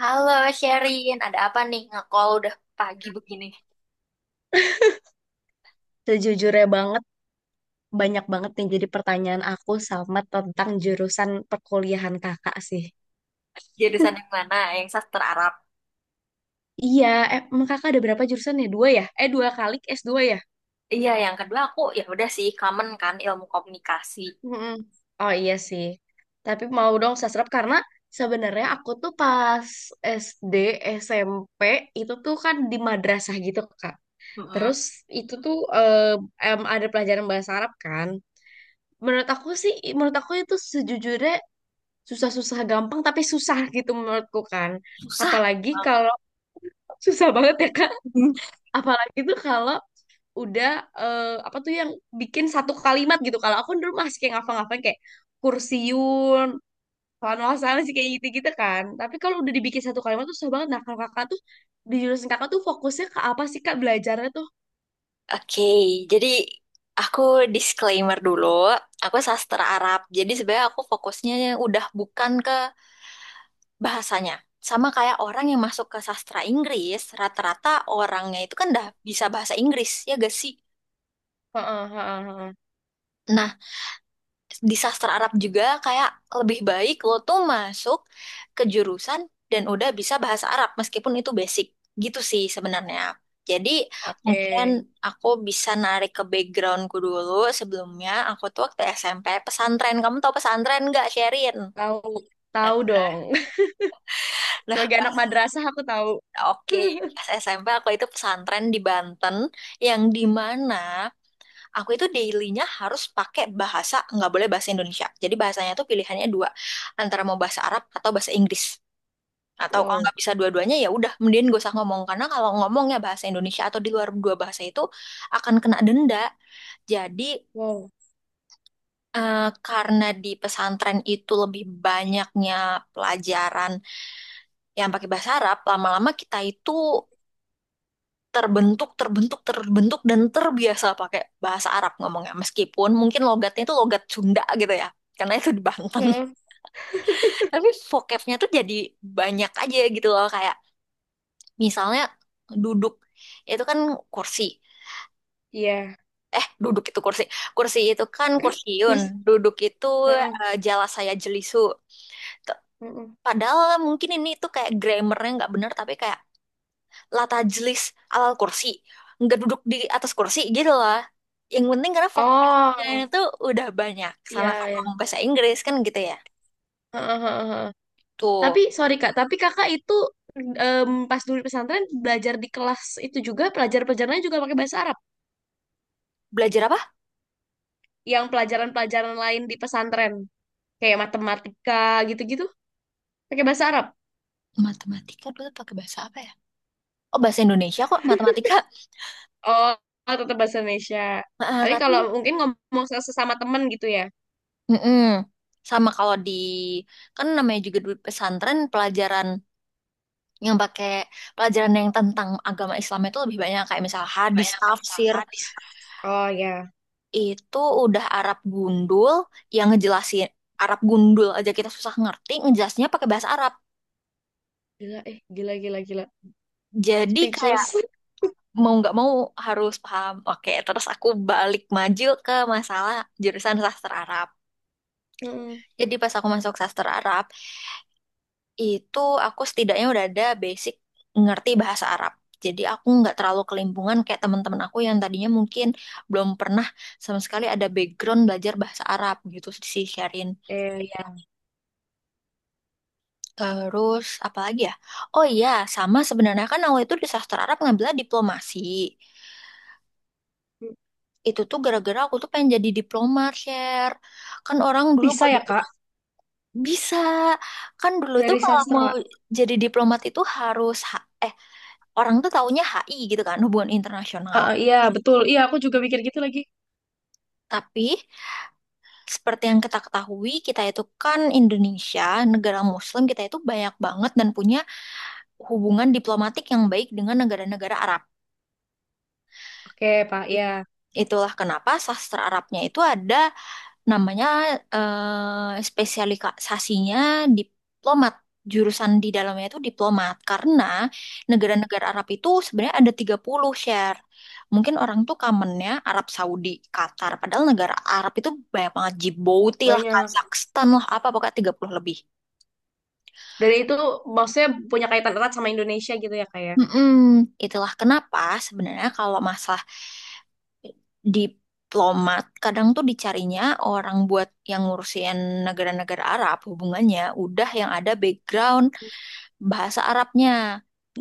Halo Sherin, ada apa nih nge-call udah pagi begini? Sejujurnya banget, banyak banget nih jadi pertanyaan aku sama tentang jurusan perkuliahan kakak sih. Jurusan yang mana? Yang sastra Arab. Iya, emang kakak ada berapa jurusan ya? Dua ya? Dua kali s dua ya? Iya, yang kedua aku ya udah sih common kan ilmu komunikasi. Mm-mm. Oh iya sih. Tapi mau dong sastrap karena sebenarnya aku tuh pas SD, SMP itu tuh kan di madrasah gitu, Kak. Mm-mm. Terus itu tuh ada pelajaran bahasa Arab kan. Menurut aku sih, menurut aku itu sejujurnya susah-susah gampang tapi susah gitu menurutku kan Susah. apalagi Bang. kalau susah banget ya Kak apalagi tuh kalau udah apa tuh yang bikin satu kalimat gitu kalau aku dulu masih kayak ngafal-ngafalin kayak kursiun sana sih kayak gitu-gitu kan tapi kalau udah dibikin satu kalimat tuh susah banget. Nah kalau kakak tuh di jurusan kakak tuh fokusnya ke apa sih kak belajarnya tuh? Oke, jadi aku disclaimer dulu. Aku sastra Arab, jadi sebenarnya aku fokusnya udah bukan ke bahasanya. Sama kayak orang yang masuk ke sastra Inggris, rata-rata orangnya itu kan udah bisa bahasa Inggris, ya gak sih? Heeh, heeh, heeh. Nah, di sastra Arab juga kayak lebih baik lo tuh masuk ke jurusan dan udah bisa bahasa Arab meskipun itu basic gitu sih sebenarnya. Jadi Oke. mungkin aku bisa narik ke backgroundku dulu. Sebelumnya aku tuh waktu SMP pesantren. Kamu tahu pesantren nggak, Sherin? Tahu, tahu dong. Nah Sebagai pas anak madrasah aku tahu. Oke, pas SMP aku itu pesantren di Banten, yang di mana aku itu dailynya harus pakai bahasa, nggak boleh bahasa Indonesia. Jadi bahasanya tuh pilihannya dua, antara mau bahasa Arab atau bahasa Inggris. Atau kalau Wow. nggak bisa dua-duanya ya udah mending gak usah ngomong, karena kalau ngomongnya bahasa Indonesia atau di luar dua bahasa itu akan kena denda. Jadi, Wow. eh, karena di pesantren itu lebih banyaknya pelajaran yang pakai bahasa Arab, lama-lama kita itu terbentuk, terbentuk, terbentuk, dan terbiasa pakai bahasa Arab ngomongnya. Meskipun mungkin logatnya itu logat Sunda gitu ya, karena itu di Banten. Heeh. Tapi vocabnya tuh jadi banyak aja gitu loh. Kayak misalnya duduk, itu kan kursi. Iya. Eh, duduk itu kursi. Kursi itu kan kursiun. Duduk itu, Heeh, eh, jala saya jelisu. T- heeh. Padahal mungkin ini tuh kayak grammarnya nggak bener, tapi kayak la tajlis alal kursi, nggak duduk di atas kursi gitu lah, yang penting karena vokabnya Oh, itu udah banyak, iya sama kayak ya. ngomong bahasa Inggris kan gitu ya. Heeh, heeh, heeh. Tuh Tapi sorry Kak, tapi Kakak itu pas dulu di pesantren belajar di kelas itu juga pelajaran-pelajarannya juga pakai bahasa Arab. belajar apa. Yang pelajaran-pelajaran lain di pesantren kayak matematika gitu-gitu pakai bahasa Arab. Matematika dulu pakai bahasa apa ya? Oh, bahasa Indonesia kok matematika. Oh, oh, tetap bahasa Indonesia. Ah, Tapi tapi kalau mungkin ngomong se- sesama temen gitu ya. mm-mm. Sama kalau di, kan namanya juga di pesantren, yang pakai pelajaran yang tentang agama Islam itu lebih banyak, kayak misal hadis Banyak tafsir. pecahan di sana. Oh ya, Itu udah Arab gundul. Yang ngejelasin Arab gundul aja kita susah ngerti, ngejelasinnya pakai bahasa Arab. gila eh gila gila gila. Jadi kayak Speechless. mau nggak mau harus paham. Oke, terus aku balik maju ke masalah jurusan sastra Arab. Heeh. Jadi pas aku masuk sastra Arab itu, aku setidaknya udah ada basic ngerti bahasa Arab. Jadi aku nggak terlalu kelimpungan kayak teman-teman aku yang tadinya mungkin belum pernah sama sekali ada background belajar bahasa Arab gitu sih, Syarin. Eh, ya. Terus apa lagi ya? Oh iya, sama sebenarnya kan awal itu di sastra Arab ngambilnya diplomasi. Itu tuh gara-gara aku tuh pengen jadi diplomat, Share. Kan orang dulu Bisa kalau ya jadi. Kak Bisa. Kan dulu tuh dari kalau mau sastra? jadi diplomat itu harus orang tuh taunya HI gitu kan, hubungan internasional. Iya betul. Iya aku juga mikir gitu lagi. Tapi seperti yang kita ketahui, kita itu kan Indonesia, negara Muslim, kita itu banyak banget dan punya hubungan diplomatik yang baik dengan negara-negara Arab. Oke Pak, It- ya. Itulah kenapa sastra Arabnya itu ada namanya, eh, spesialisasinya diplomat. Jurusan di dalamnya itu diplomat, karena negara-negara Arab itu sebenarnya ada 30, Share. Mungkin orang tuh kamennya Arab Saudi, Qatar, padahal negara Arab itu banyak banget. Djibouti lah, Banyak. Kazakhstan lah, apa pokoknya 30 lebih. Dan itu maksudnya punya kaitan erat sama Indonesia gitu ya kak ya. Mm-mm. Itulah kenapa sebenarnya kalau masalah diplomat, kadang tuh dicarinya orang buat yang ngurusin negara-negara Arab, hubungannya udah yang ada background bahasa Arabnya,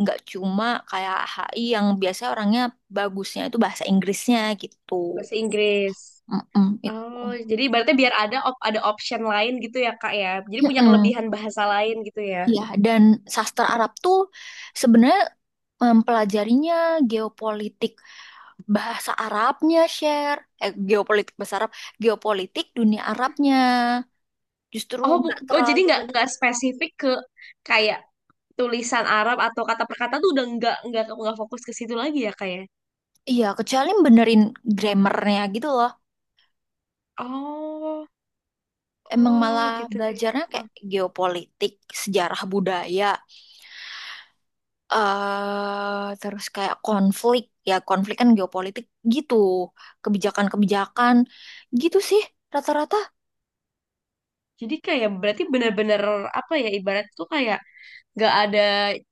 nggak cuma kayak HI yang biasanya orangnya bagusnya itu bahasa Inggrisnya gitu. Bahasa Inggris. Mm-mm, itu. Oh, jadi berarti biar ada op- ada option lain gitu ya kak ya. Jadi punya Mm-mm. kelebihan bahasa lain gitu ya. Ya, dan sastra Arab tuh sebenarnya mempelajarinya geopolitik bahasa Arabnya, Share, eh, geopolitik bahasa Arab, geopolitik dunia Arabnya. Justru Oh, nggak bu- oh jadi terlalu belajar. nggak spesifik ke kayak tulisan Arab atau kata per kata tuh udah nggak fokus ke situ lagi ya kayak. Iya, kecuali benerin grammarnya gitu loh. Oh, Emang oh malah gitu. belajarnya kayak geopolitik, sejarah budaya, terus kayak konflik. Ya, konflik kan geopolitik gitu. Kebijakan-kebijakan gitu sih. Rata-rata. Jadi kayak berarti benar-benar apa ya ibarat tuh kayak nggak ada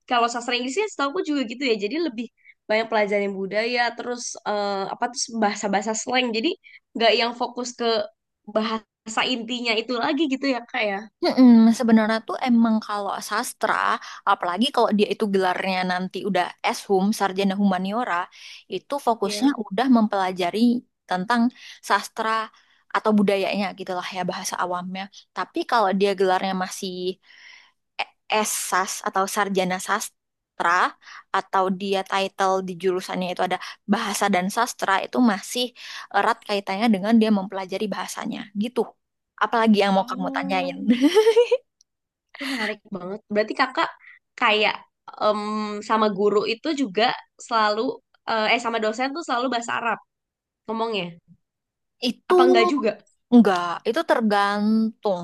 kalau sastra Inggrisnya setahu aku juga gitu ya jadi lebih banyak pelajaran budaya terus apa terus bahasa-bahasa slang jadi nggak yang fokus ke bahasa intinya itu lagi gitu ya kak ya. Mm-mm, sebenarnya tuh emang kalau sastra, apalagi kalau dia itu gelarnya nanti udah S Hum, Sarjana Humaniora, itu fokusnya Ya. udah mempelajari tentang sastra atau budayanya gitu lah ya, bahasa awamnya. Tapi kalau dia gelarnya masih S Sas atau Sarjana Sastra, atau dia title di jurusannya itu ada Bahasa dan Sastra, itu masih erat kaitannya dengan dia mempelajari bahasanya gitu. Apalagi yang mau kamu tanyain? Oh, itu menarik banget berarti kakak kayak em, sama guru itu juga selalu sama dosen tuh selalu bahasa Arab ngomongnya Itu apa enggak juga. enggak, itu tergantung,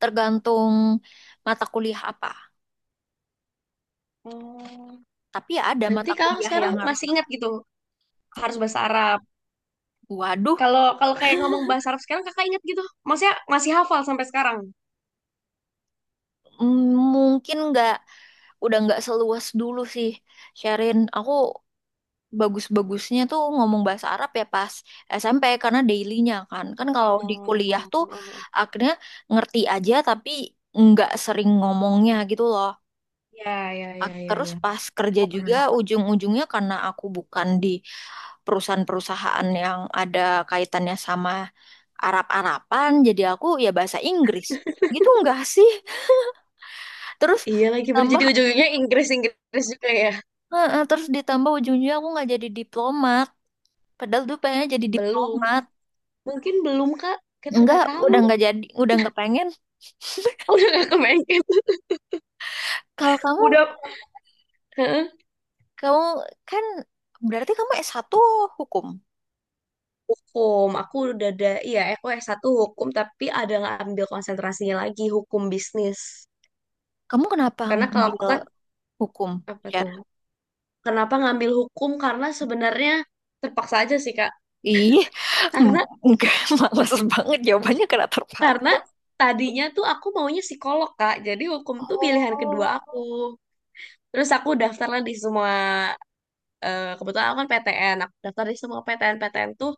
tergantung mata kuliah apa. Oh. Tapi ya ada Berarti mata kakak kuliah sekarang yang harus masih bisa. ingat gitu harus bahasa Arab. Waduh, Kalau kalau kayak ngomong bahasa Arab sekarang kakak inget gitu. Maksudnya masih hafal sampai sekarang. Mungkin enggak, udah enggak seluas dulu sih. Sharin, aku bagus-bagusnya tuh ngomong bahasa Arab ya pas SMP, karena daily-nya kan. Kan kalau di kuliah Oh, tuh akhirnya ngerti aja tapi enggak sering ngomongnya gitu loh. ya ya ya ya Terus ya. pas kerja juga Menarik. ujung-ujungnya, karena aku bukan di perusahaan-perusahaan yang ada kaitannya sama Arab-Araban, jadi aku ya bahasa Inggris gitu enggak sih. Terus Iya lagi ditambah, berjadi ujung-ujungnya Inggris Inggris juga ya. Ujung ujungnya aku nggak jadi diplomat, padahal dulu pengennya jadi Belum, diplomat. mungkin belum Kak. Kita Enggak, nggak tahu. udah nggak jadi, udah nggak pengen. Udah nggak kebayang. Kalau kamu Udah. Heeh. kamu kan berarti kamu S1 hukum, Hukum, aku udah ada, iya aku s satu hukum, tapi ada ngambil konsentrasinya lagi, hukum bisnis. kamu kenapa Karena kalau ngambil aku kan, hukum apa ya? tuh? Kenapa ngambil hukum? Karena sebenarnya terpaksa aja sih, Kak. Ih, Karena enggak, males banget jawabannya karena terpaksa. Karena Tadinya tuh aku maunya psikolog, Kak. Jadi hukum tuh pilihan kedua aku. Oh Terus aku daftarlah di semua, kebetulan aku kan PTN. Aku daftar di semua PTN-PTN tuh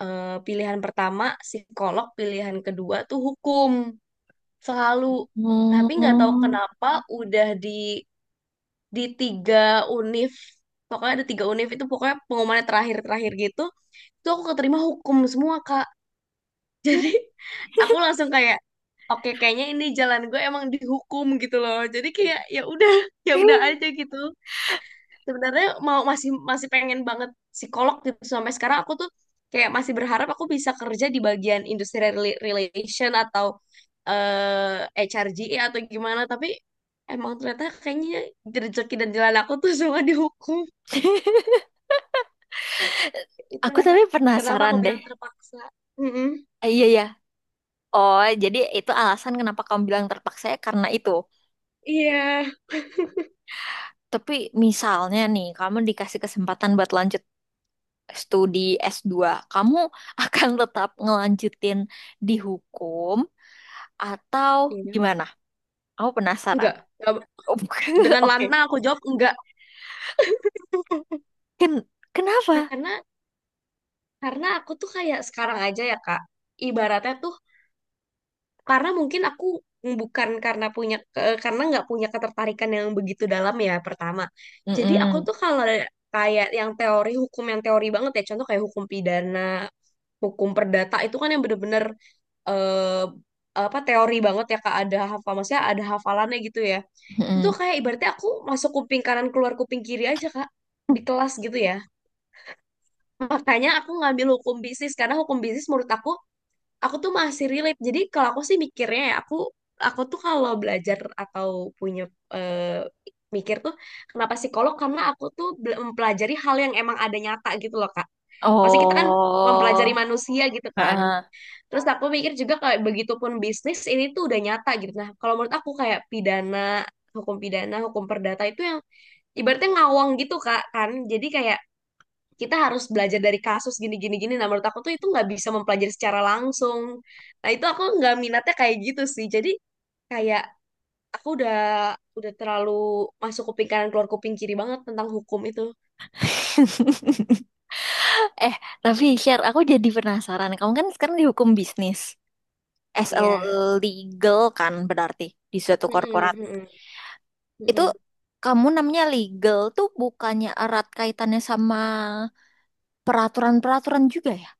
pilihan pertama psikolog, pilihan kedua tuh hukum. Selalu. Tapi nggak tahu Oh. kenapa udah di tiga univ. Pokoknya ada tiga univ itu pokoknya pengumumannya terakhir-terakhir gitu. Itu aku keterima hukum semua, Kak. Jadi aku langsung kayak oke kayaknya ini jalan gue emang dihukum gitu loh. Jadi kayak ya udah ya udah aja gitu. Sebenarnya mau masih masih pengen banget psikolog gitu sampai sekarang aku tuh kayak masih berharap aku bisa kerja di bagian industrial rela- relation atau eh HRGE atau gimana tapi emang ternyata kayaknya rezeki dan jalan aku tuh semua dihukum. Aku Itulah tapi kenapa penasaran aku deh. bilang terpaksa. Mm-mm. Eh, iya ya. Oh, jadi itu alasan kenapa kamu bilang terpaksa ya, karena itu. Iya. Tapi misalnya nih, kamu dikasih kesempatan buat lanjut studi S2, kamu akan tetap ngelanjutin di hukum atau Iya. gimana? Aku penasaran. Enggak. Oh, Dengan Oke. lantang aku jawab enggak. Ken kenapa? Karena karena aku tuh kayak sekarang aja ya Kak ibaratnya tuh karena mungkin aku bukan karena punya ke- karena nggak punya ketertarikan yang begitu dalam ya pertama jadi aku Mm-mm. tuh kalau kayak yang teori hukum yang teori banget ya contoh kayak hukum pidana hukum perdata itu kan yang bener-bener apa teori banget ya Kak ada hafal maksudnya ada hafalannya gitu ya itu tuh Mm-mm. kayak ibaratnya aku masuk kuping kanan keluar kuping kiri aja Kak di kelas gitu ya. Makanya aku ngambil hukum bisnis karena hukum bisnis menurut aku tuh masih relate. Jadi kalau aku sih mikirnya ya aku tuh kalau belajar atau punya eh, mikir tuh kenapa psikolog karena aku tuh bel- mempelajari hal yang emang ada nyata gitu loh Kak. Masih kita kan mempelajari Oh. manusia gitu kan. Heeh. Terus aku mikir juga kayak begitupun bisnis ini tuh udah nyata gitu. Nah, kalau menurut aku kayak pidana, hukum perdata itu yang ibaratnya ngawang gitu Kak kan. Jadi kayak kita harus belajar dari kasus gini gini gini nah menurut aku tuh itu nggak bisa mempelajari secara langsung nah itu aku nggak minatnya kayak gitu sih jadi kayak aku udah terlalu masuk kuping kanan keluar kuping kiri banget tentang hukum itu. Eh, tapi Share, aku jadi penasaran. Kamu kan sekarang di hukum bisnis. As a Iya. legal kan berarti di suatu Mm-mm, korporat. mm-mm, Itu mm-mm. kamu namanya legal tuh bukannya erat kaitannya sama peraturan-peraturan juga ya?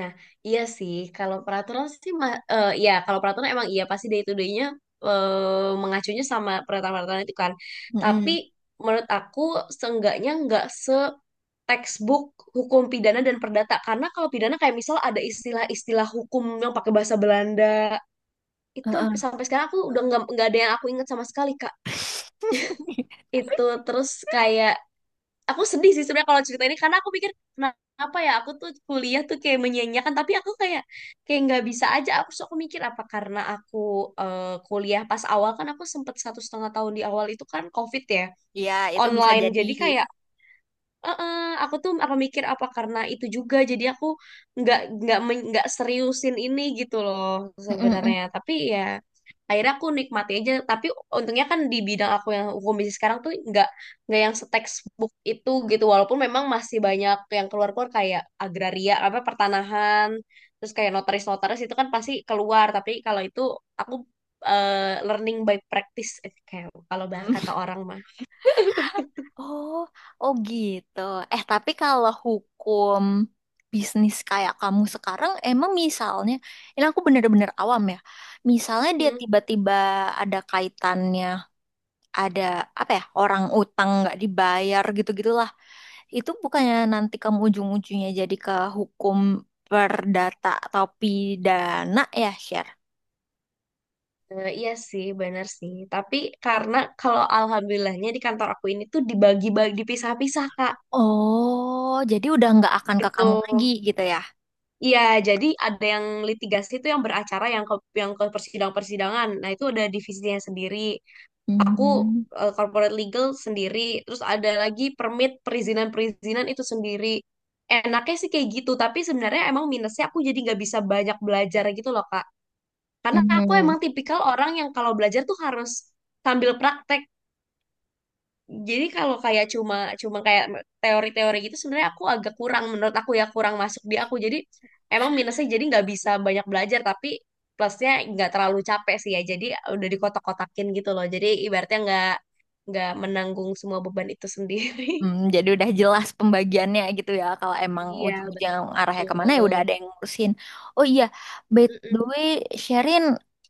Nah, iya sih. Kalau peraturan sih, ma- ya kalau peraturan emang iya pasti day to day-nya mengacunya sama peraturan-peraturan itu kan. Tapi Mm-mm. menurut aku seenggaknya nggak se textbook hukum pidana dan perdata karena kalau pidana kayak misal ada istilah-istilah hukum yang pakai bahasa Belanda itu Heeh. sampai sekarang aku udah nggak ada yang aku ingat sama sekali Kak itu terus kayak aku sedih sih sebenarnya kalau cerita ini karena aku pikir kenapa ya aku tuh kuliah tuh kayak menyanyiakan tapi aku kayak kayak nggak bisa aja aku sok mikir apa karena aku kuliah pas awal kan aku sempet satu setengah tahun di awal itu kan COVID ya Iya, itu bisa online jadi. jadi kayak. Heeh, aku tuh apa mikir apa karena itu juga jadi aku nggak nggak men- nggak seriusin ini gitu loh Mm-mm. sebenarnya tapi ya akhirnya aku nikmati aja tapi untungnya kan di bidang aku yang hukum bisnis sekarang tuh nggak yang se-textbook itu gitu walaupun memang masih banyak yang keluar-keluar kayak agraria apa pertanahan terus kayak notaris-notaris itu kan pasti keluar tapi kalau itu aku eh, learning by practice kayak kalau bah- kata orang mah. Oh, oh gitu. Eh, tapi kalau hukum bisnis kayak kamu sekarang, emang misalnya, ini aku bener-bener awam ya. Misalnya dia Hmm. tiba-tiba ada kaitannya, ada apa ya, orang utang nggak dibayar gitu-gitulah. Itu bukannya nanti kamu ujung-ujungnya jadi ke hukum perdata atau pidana ya, Sher? Iya sih, benar sih. Tapi karena kalau alhamdulillahnya di kantor aku ini tuh dibagi-bagi, dipisah-pisah, Kak, Oh, jadi udah nggak akan ke kamu lagi gitu. gitu ya? Iya, jadi ada yang litigasi itu yang beracara, yang ke persidang-persidangan. Nah, itu ada divisinya sendiri. Aku Mhm. Corporate legal sendiri, terus ada lagi permit, perizinan-perizinan itu sendiri. Enaknya sih kayak gitu, tapi sebenarnya emang minusnya aku jadi nggak bisa banyak belajar gitu loh, Kak. Karena aku Mhm. emang tipikal orang yang kalau belajar tuh harus sambil praktek. Jadi kalau kayak cuma cuma kayak teori-teori gitu sebenarnya aku agak kurang menurut aku ya kurang masuk di aku. Jadi emang minusnya jadi nggak bisa banyak belajar tapi plusnya nggak terlalu capek sih ya. Jadi udah dikotak-kotakin gitu loh. Jadi ibaratnya nggak menanggung semua beban itu sendiri. Hmm, jadi udah jelas pembagiannya gitu ya. Kalau emang Iya ujung-ujung arahnya kemana ya udah ada betul. yang ngurusin. Oh iya, by the Mm-mm. way, Sherin,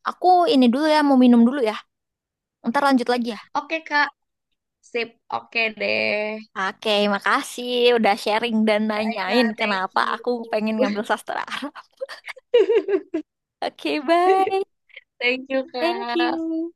aku ini dulu ya mau minum dulu ya. Ntar lanjut Ya. lagi ya. Oke Kak, sip. Oke deh. Oke, makasih udah sharing dan Bye nanyain Kak, thank kenapa you. aku pengen ngambil sastra. Oke, bye. Thank you Thank Kak. you.